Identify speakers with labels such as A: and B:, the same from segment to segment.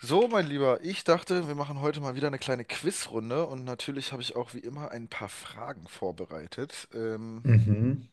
A: So, mein Lieber, ich dachte, wir machen heute mal wieder eine kleine Quizrunde und natürlich habe ich auch wie immer ein paar Fragen vorbereitet.
B: Mhm.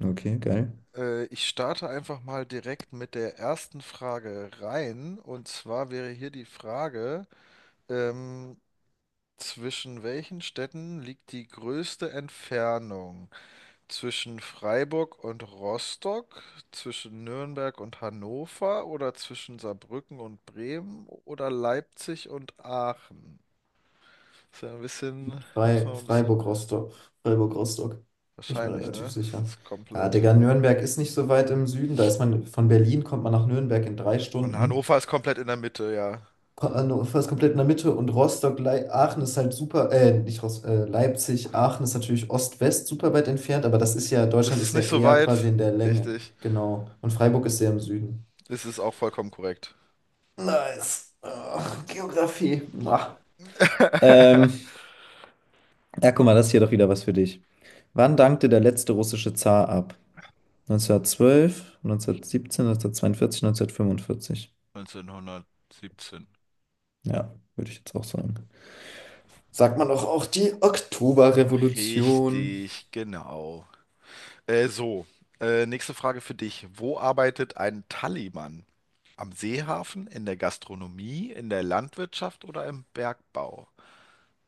B: Okay, geil.
A: Ich starte einfach mal direkt mit der ersten Frage rein und zwar wäre hier die Frage, ähm, zwischen welchen Städten liegt die größte Entfernung? Zwischen Freiburg und Rostock, zwischen Nürnberg und Hannover oder zwischen Saarbrücken und Bremen oder Leipzig und Aachen? Ist ja ein bisschen, da muss man mal ein bisschen.
B: Freiburg-Rostock. Freiburg-Rostock. Bin ich mir
A: Wahrscheinlich,
B: relativ
A: ne? Das
B: sicher.
A: ist
B: Ja,
A: komplett.
B: Digga, Nürnberg ist nicht so weit im Süden. Von Berlin kommt man nach Nürnberg in drei
A: Und
B: Stunden.
A: Hannover ist komplett in der Mitte, ja.
B: Fast komplett in der Mitte. Und Rostock, Lei Aachen ist halt super, nicht Rost, Leipzig, Aachen ist natürlich Ost-West super weit entfernt, aber das ist ja,
A: Das
B: Deutschland
A: ist
B: ist ja
A: nicht so
B: eher
A: weit.
B: quasi in der Länge.
A: Richtig.
B: Genau. Und Freiburg ist sehr im Süden.
A: Das ist auch vollkommen korrekt.
B: Nice. Ach, Geografie. Ah. Ähm, Ja, guck mal, das ist hier doch wieder was für dich. Wann dankte der letzte russische Zar ab? 1912, 1917, 1942, 1945.
A: 1917.
B: Ja, würde ich jetzt auch sagen. Sagt man doch auch die Oktoberrevolution.
A: Richtig, genau. So. Nächste Frage für dich. Wo arbeitet ein Tallymann? Am Seehafen, in der Gastronomie, in der Landwirtschaft oder im Bergbau?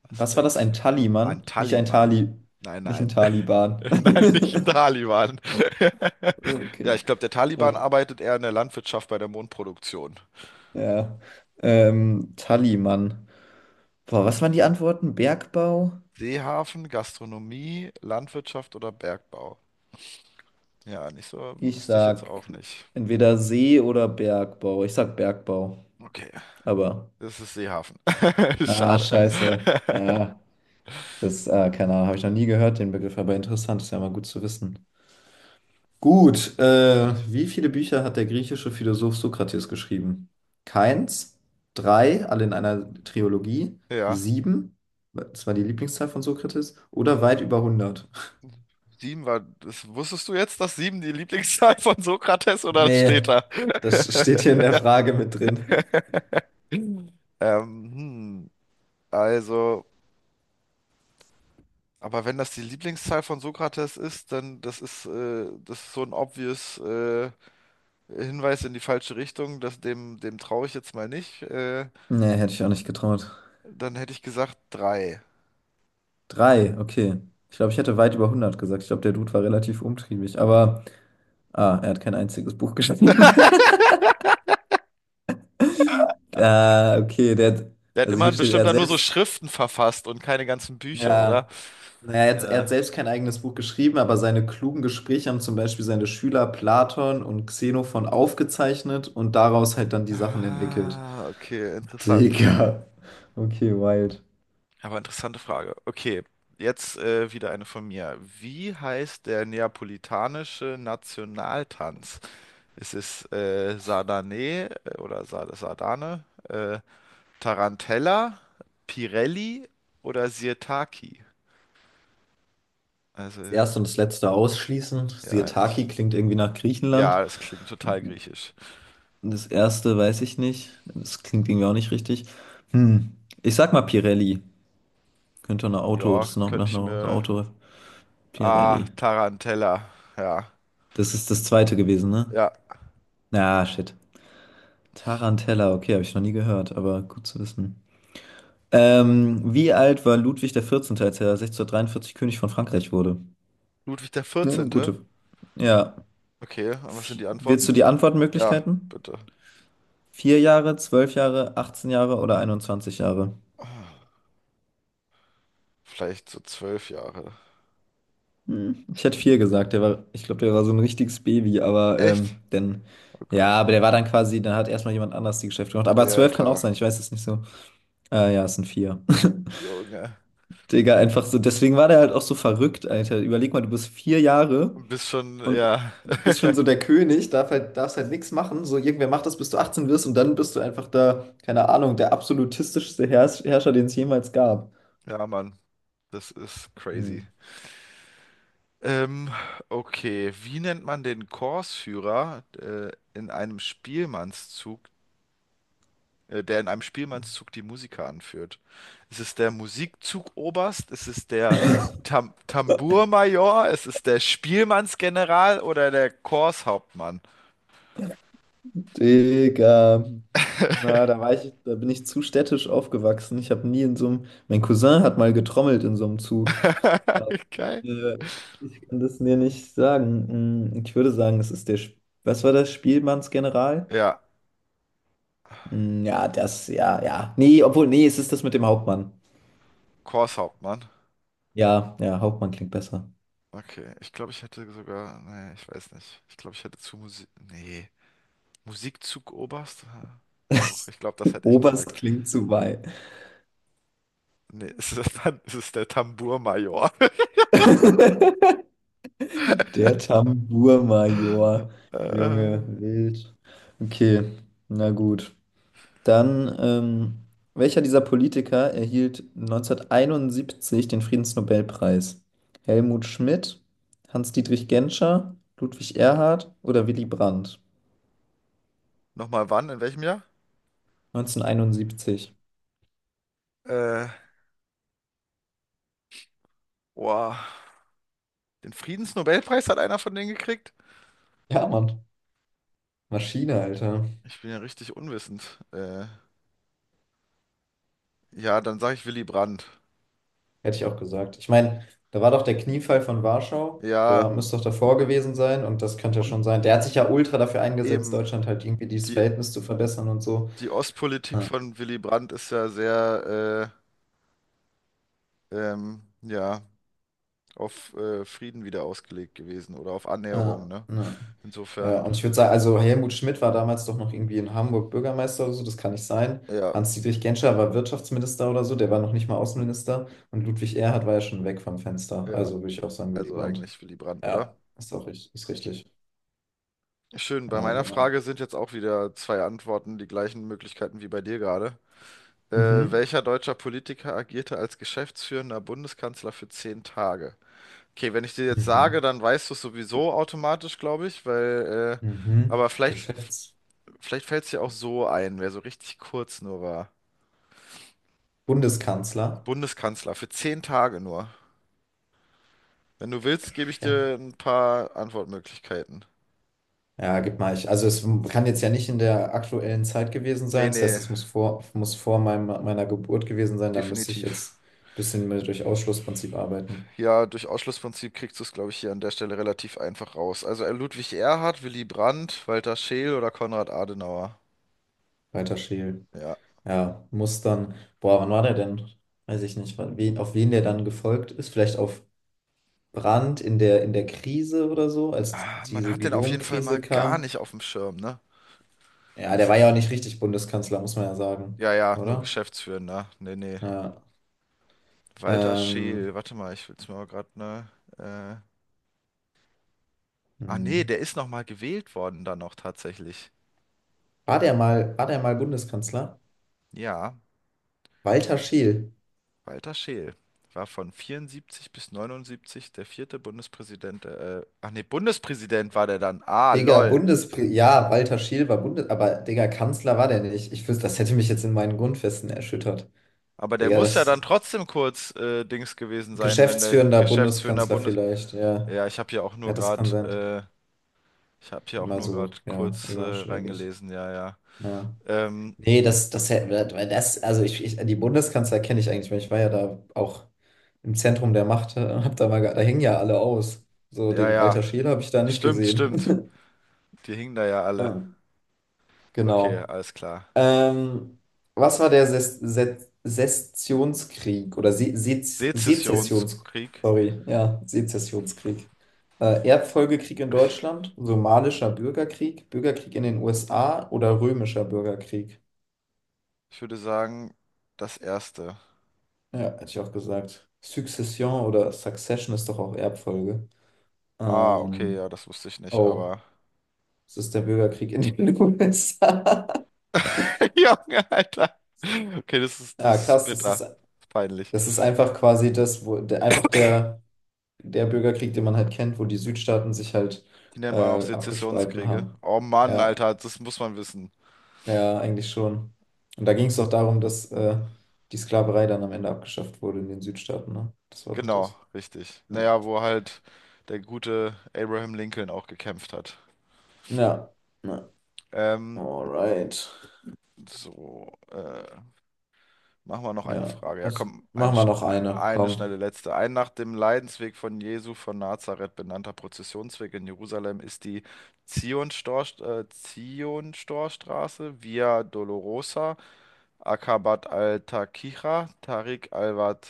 A: Was
B: Was war das?
A: denkst
B: Ein
A: du?
B: Taliban?
A: Ein Taliban. Nein,
B: Nicht ein
A: nein.
B: Taliban.
A: Nein, nicht ein Taliban. Ja,
B: Okay.
A: ich glaube, der
B: Ja.
A: Taliban arbeitet eher in der Landwirtschaft bei der Mondproduktion.
B: ja. Taliban. Boah, was waren die Antworten? Bergbau?
A: Seehafen, Gastronomie, Landwirtschaft oder Bergbau? Ja, nicht so,
B: Ich
A: wüsste ich jetzt
B: sag
A: auch nicht.
B: entweder See oder Bergbau. Ich sag Bergbau.
A: Okay,
B: Aber.
A: das ist Seehafen.
B: Ah,
A: Schade.
B: scheiße. Ja, keine Ahnung, habe ich noch nie gehört, den Begriff, aber interessant, ist ja mal gut zu wissen. Gut, wie viele Bücher hat der griechische Philosoph Sokrates geschrieben? Keins, drei, alle in einer Trilogie,
A: Ja,
B: sieben, das war die Lieblingszahl von Sokrates, oder weit über hundert?
A: sieben war, das, wusstest du jetzt, dass sieben die Lieblingszahl von Sokrates oder das steht
B: Nee,
A: da?
B: das steht hier in der Frage mit drin.
A: Hm, also. Aber wenn das die Lieblingszahl von Sokrates ist, dann das ist so ein obvious Hinweis in die falsche Richtung, dass dem traue ich jetzt mal nicht.
B: Nee, hätte ich auch nicht getraut.
A: Dann hätte ich gesagt drei.
B: Drei, okay. Ich glaube, ich hätte weit über hundert gesagt. Ich glaube, der Dude war relativ umtriebig, aber er hat kein einziges Buch geschrieben. Ah, okay,
A: Der hat
B: also hier
A: immerhin
B: steht,
A: bestimmt dann nur so Schriften verfasst und keine ganzen Bücher, oder?
B: ja, naja, jetzt, er hat
A: Ja.
B: selbst kein eigenes Buch geschrieben, aber seine klugen Gespräche haben zum Beispiel seine Schüler Platon und Xenophon aufgezeichnet und daraus halt dann die Sachen entwickelt.
A: Ah, okay, interessant.
B: Digga. Okay, wild.
A: Aber interessante Frage. Okay, jetzt wieder eine von mir. Wie heißt der neapolitanische Nationaltanz? Es ist Sardane oder Sardane, Tarantella, Pirelli oder Sirtaki. Also,
B: Das erste und das letzte ausschließen.
A: ja,
B: Sirtaki
A: das,
B: klingt irgendwie nach Griechenland.
A: ja, das klingt total griechisch.
B: Und das erste weiß ich nicht. Das klingt irgendwie auch nicht richtig. Hm. Ich sag mal Pirelli. Könnte ein Auto,
A: Ja,
B: das ist noch
A: könnte
B: nach
A: ich
B: einer
A: mir.
B: Auto.
A: Ah,
B: Pirelli.
A: Tarantella. Ja,
B: Das ist das zweite gewesen, ne?
A: ja.
B: Na, shit. Tarantella, okay, habe ich noch nie gehört, aber gut zu wissen. Wie alt war Ludwig der 14., als er 1643 König von Frankreich wurde?
A: Ludwig der
B: Ja,
A: 14.
B: gute. Ja.
A: Okay, und was sind die
B: Willst
A: Antworten?
B: du die
A: Ja,
B: Antwortmöglichkeiten?
A: bitte.
B: 4 Jahre, 12 Jahre, 18 Jahre oder 21 Jahre?
A: Ah, vielleicht so 12 Jahre.
B: Hm. Ich hätte vier gesagt, ich glaube, der war so ein richtiges Baby, aber
A: Echt?
B: denn,
A: Oh
B: ja,
A: Gott.
B: aber der war dann quasi, dann hat erstmal jemand anders die Geschäfte gemacht. Aber
A: Ja,
B: 12 kann auch
A: klar.
B: sein, ich weiß es nicht so. Ja, es sind vier.
A: Junge.
B: Digga, einfach so. Deswegen war der halt auch so verrückt, Alter. Überleg mal, du bist 4 Jahre
A: Bist schon,
B: und
A: ja.
B: bist schon so der König, darf halt, darfst halt nichts machen. So, irgendwer macht das, bis du 18 wirst und dann bist du einfach da, keine Ahnung, der absolutistischste Herrscher, den es jemals gab.
A: Ja, Mann. Das ist
B: Hm.
A: crazy. Ähm, okay, wie nennt man den Chorsführer in einem Spielmannszug, der in einem Spielmannszug die Musiker anführt? Ist es der Musikzugoberst? Ist es der Tambourmajor? Ist es der Spielmannsgeneral oder der Chorshauptmann?
B: Digga. Na, da war ich, da bin ich zu städtisch aufgewachsen. Ich habe nie in so einem. Mein Cousin hat mal getrommelt in so einem Zug. Aber,
A: Geil.
B: äh, ich kann das mir nicht sagen. Ich würde sagen, es ist der. Was war das? Spielmannsgeneral?
A: Ja,
B: Mm, Ja, das, ja, ja. Nee, obwohl, nee, es ist das mit dem Hauptmann.
A: Chorshauptmann.
B: Ja, ja, Hauptmann klingt besser.
A: Okay, ich glaube, ich hätte sogar. Nee, ich weiß nicht. Ich glaube, ich hätte zu Musik. Nee. Musikzugoberst? Ah, doch, ich glaube, das hätte ich
B: Oberst
A: gesagt.
B: klingt zu weit.
A: Nee, es ist, dann, es ist der Tambourmajor.
B: Der Tambourmajor. Junge,
A: Äh,
B: wild. Okay, na gut. Dann, welcher dieser Politiker erhielt 1971 den Friedensnobelpreis? Helmut Schmidt, Hans-Dietrich Genscher, Ludwig Erhard oder Willy Brandt?
A: Nochmal wann? In welchem Jahr?
B: 1971.
A: Äh, Boah, den Friedensnobelpreis hat einer von denen gekriegt?
B: Ja, Mann. Maschine, Alter.
A: Ich bin ja richtig unwissend. Ja, dann sage ich Willy Brandt.
B: Hätte ich auch gesagt. Ich meine, da war doch der Kniefall von Warschau. Der war,
A: Ja,
B: müsste doch davor gewesen sein und das könnte ja
A: und
B: schon sein. Der hat sich ja ultra dafür eingesetzt,
A: eben,
B: Deutschland halt irgendwie dieses
A: die,
B: Verhältnis zu verbessern und so.
A: die Ostpolitik
B: Ja,
A: von Willy Brandt ist ja sehr, ja, auf Frieden wieder ausgelegt gewesen oder auf Annäherung,
B: ja,
A: ne?
B: ja. Ja,
A: Insofern,
B: und ich würde sagen, also Helmut Schmidt war damals doch noch irgendwie in Hamburg Bürgermeister oder so, das kann nicht sein.
A: ja.
B: Hans-Dietrich Genscher war Wirtschaftsminister oder so, der war noch nicht mal Außenminister. Und Ludwig Erhard war ja schon weg vom Fenster.
A: Ja,
B: Also würde ich auch sagen, Willy
A: also
B: Brandt.
A: eigentlich Willy Brandt, oder?
B: Ja, ist auch richtig, ist richtig.
A: Schön, bei
B: Ja,
A: meiner
B: genau.
A: Frage sind jetzt auch wieder zwei Antworten, die gleichen Möglichkeiten wie bei dir gerade.
B: Mhm.
A: Welcher deutscher Politiker agierte als geschäftsführender Bundeskanzler für 10 Tage? Okay, wenn ich dir jetzt sage,
B: Mhm.
A: dann weißt du es sowieso automatisch, glaube ich, weil,
B: Mhm.
A: aber vielleicht fällt es dir auch so ein, wer so richtig kurz nur war.
B: Geschäftsbundeskanzler.
A: Bundeskanzler für 10 Tage nur. Wenn du willst, gebe ich
B: Chef.
A: dir ein paar Antwortmöglichkeiten.
B: Ja, gib mal ich. Also es kann jetzt ja nicht in der aktuellen Zeit gewesen sein.
A: Nee,
B: Das heißt,
A: nee,
B: es muss vor meinem, meiner Geburt gewesen sein. Da müsste ich
A: definitiv.
B: jetzt ein bisschen mit durch Ausschlussprinzip arbeiten.
A: Ja, durch Ausschlussprinzip kriegst du es, glaube ich, hier an der Stelle relativ einfach raus. Also Ludwig Erhard, Willy Brandt, Walter Scheel oder Konrad Adenauer.
B: Weiter schälen.
A: Ja.
B: Ja, muss dann. Boah, wann war der denn? Weiß ich nicht. Auf wen der dann gefolgt ist? Vielleicht auf Brandt in der Krise oder so, als
A: Ah, man
B: diese
A: hat den auf jeden Fall mal
B: Guillaume-Krise
A: gar
B: kam.
A: nicht auf dem Schirm, ne?
B: Ja, der
A: Das
B: war ja
A: ist,
B: auch nicht richtig Bundeskanzler, muss man ja sagen.
A: ja, ja, nur
B: Oder?
A: Geschäftsführender. Nee, nee.
B: Ja.
A: Walter
B: Ähm,
A: Scheel, warte mal, ich will's mir mal gerade, ne? Äh, Nee,
B: hm.
A: der ist noch mal gewählt worden dann noch tatsächlich.
B: War der mal Bundeskanzler?
A: Ja,
B: Walter Scheel.
A: Walter Scheel war von 74 bis 79 der vierte Bundespräsident. Ach nee, Bundespräsident war der dann. Ah,
B: Digga,
A: lol.
B: Bundespr Ja, Walter Scheel war Bundes... Aber, Digga, Kanzler war der nicht. Ich wüsste, das hätte mich jetzt in meinen Grundfesten erschüttert.
A: Aber der
B: Digga,
A: muss ja dann
B: das
A: trotzdem kurz Dings gewesen sein, wenn der
B: geschäftsführender
A: Geschäftsführender
B: Bundeskanzler
A: Bundes...
B: vielleicht. Ja,
A: Ja,
B: ja, das kann sein.
A: ich habe hier auch
B: Mal
A: nur gerade
B: so, ja,
A: kurz
B: überschlägig.
A: reingelesen. Ja, ja.
B: Ja.
A: Ähm,
B: Nee, weil das, also die Bundeskanzler kenne ich eigentlich, weil ich war ja da auch im Zentrum der Macht, hab da mal, da hängen ja alle aus. So,
A: ja,
B: den
A: ja.
B: Walter Scheel habe ich da nicht
A: Stimmt,
B: gesehen.
A: stimmt. Die hingen da ja alle.
B: Ja,
A: Okay,
B: genau.
A: alles klar.
B: Ähm, was war der Sessionskrieg oder Se Se Sezessions
A: Sezessionskrieg.
B: sorry, ja, Sezessionskrieg? Erbfolgekrieg in Deutschland, somalischer Bürgerkrieg, Bürgerkrieg in den USA oder römischer Bürgerkrieg?
A: Ich würde sagen, das erste.
B: Ja, hätte ich auch gesagt. Succession oder Succession ist doch auch Erbfolge.
A: Ah, okay,
B: Ähm,
A: ja, das wusste ich nicht,
B: oh,
A: aber.
B: es ist der Bürgerkrieg in den USA.
A: Junge, Alter. Okay, das
B: Ja,
A: ist
B: krass, das ist,
A: bitter. Peinlich.
B: das ist einfach quasi das, wo der, einfach der. Der Bürgerkrieg, den man halt kennt, wo die Südstaaten sich halt
A: Die
B: äh,
A: nennt man auch
B: abgespalten
A: Sezessionskriege.
B: haben.
A: Oh Mann,
B: Ja,
A: Alter, das muss man wissen.
B: ja, eigentlich schon. Und da ging es doch darum, dass die Sklaverei dann am Ende abgeschafft wurde in den Südstaaten, ne? Das war doch
A: Genau,
B: das.
A: richtig.
B: Ja.
A: Naja, wo halt der gute Abraham Lincoln auch gekämpft hat.
B: Ja. ja.
A: Ähm,
B: Alright.
A: so, äh, machen wir noch eine
B: Ja,
A: Frage. Ja,
B: das
A: komm, eine,
B: machen wir
A: schn-
B: noch eine.
A: eine
B: Komm.
A: schnelle letzte. Ein nach dem Leidensweg von Jesu von Nazareth benannter Prozessionsweg in Jerusalem ist die Zionstorstraße Via Dolorosa, Akabat al-Taqiya, Tariq al-Wad.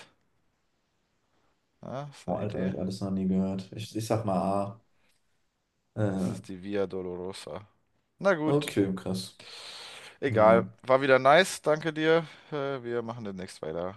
A: Ah, ist
B: Oh,
A: eine
B: Alter, habe
A: Idee?
B: ich alles noch nie gehört. Ich sag mal A.
A: Es
B: Äh,
A: ist die Via Dolorosa. Na gut.
B: okay, krass.
A: Egal,
B: Ja.
A: war wieder nice, danke dir. Wir machen demnächst weiter.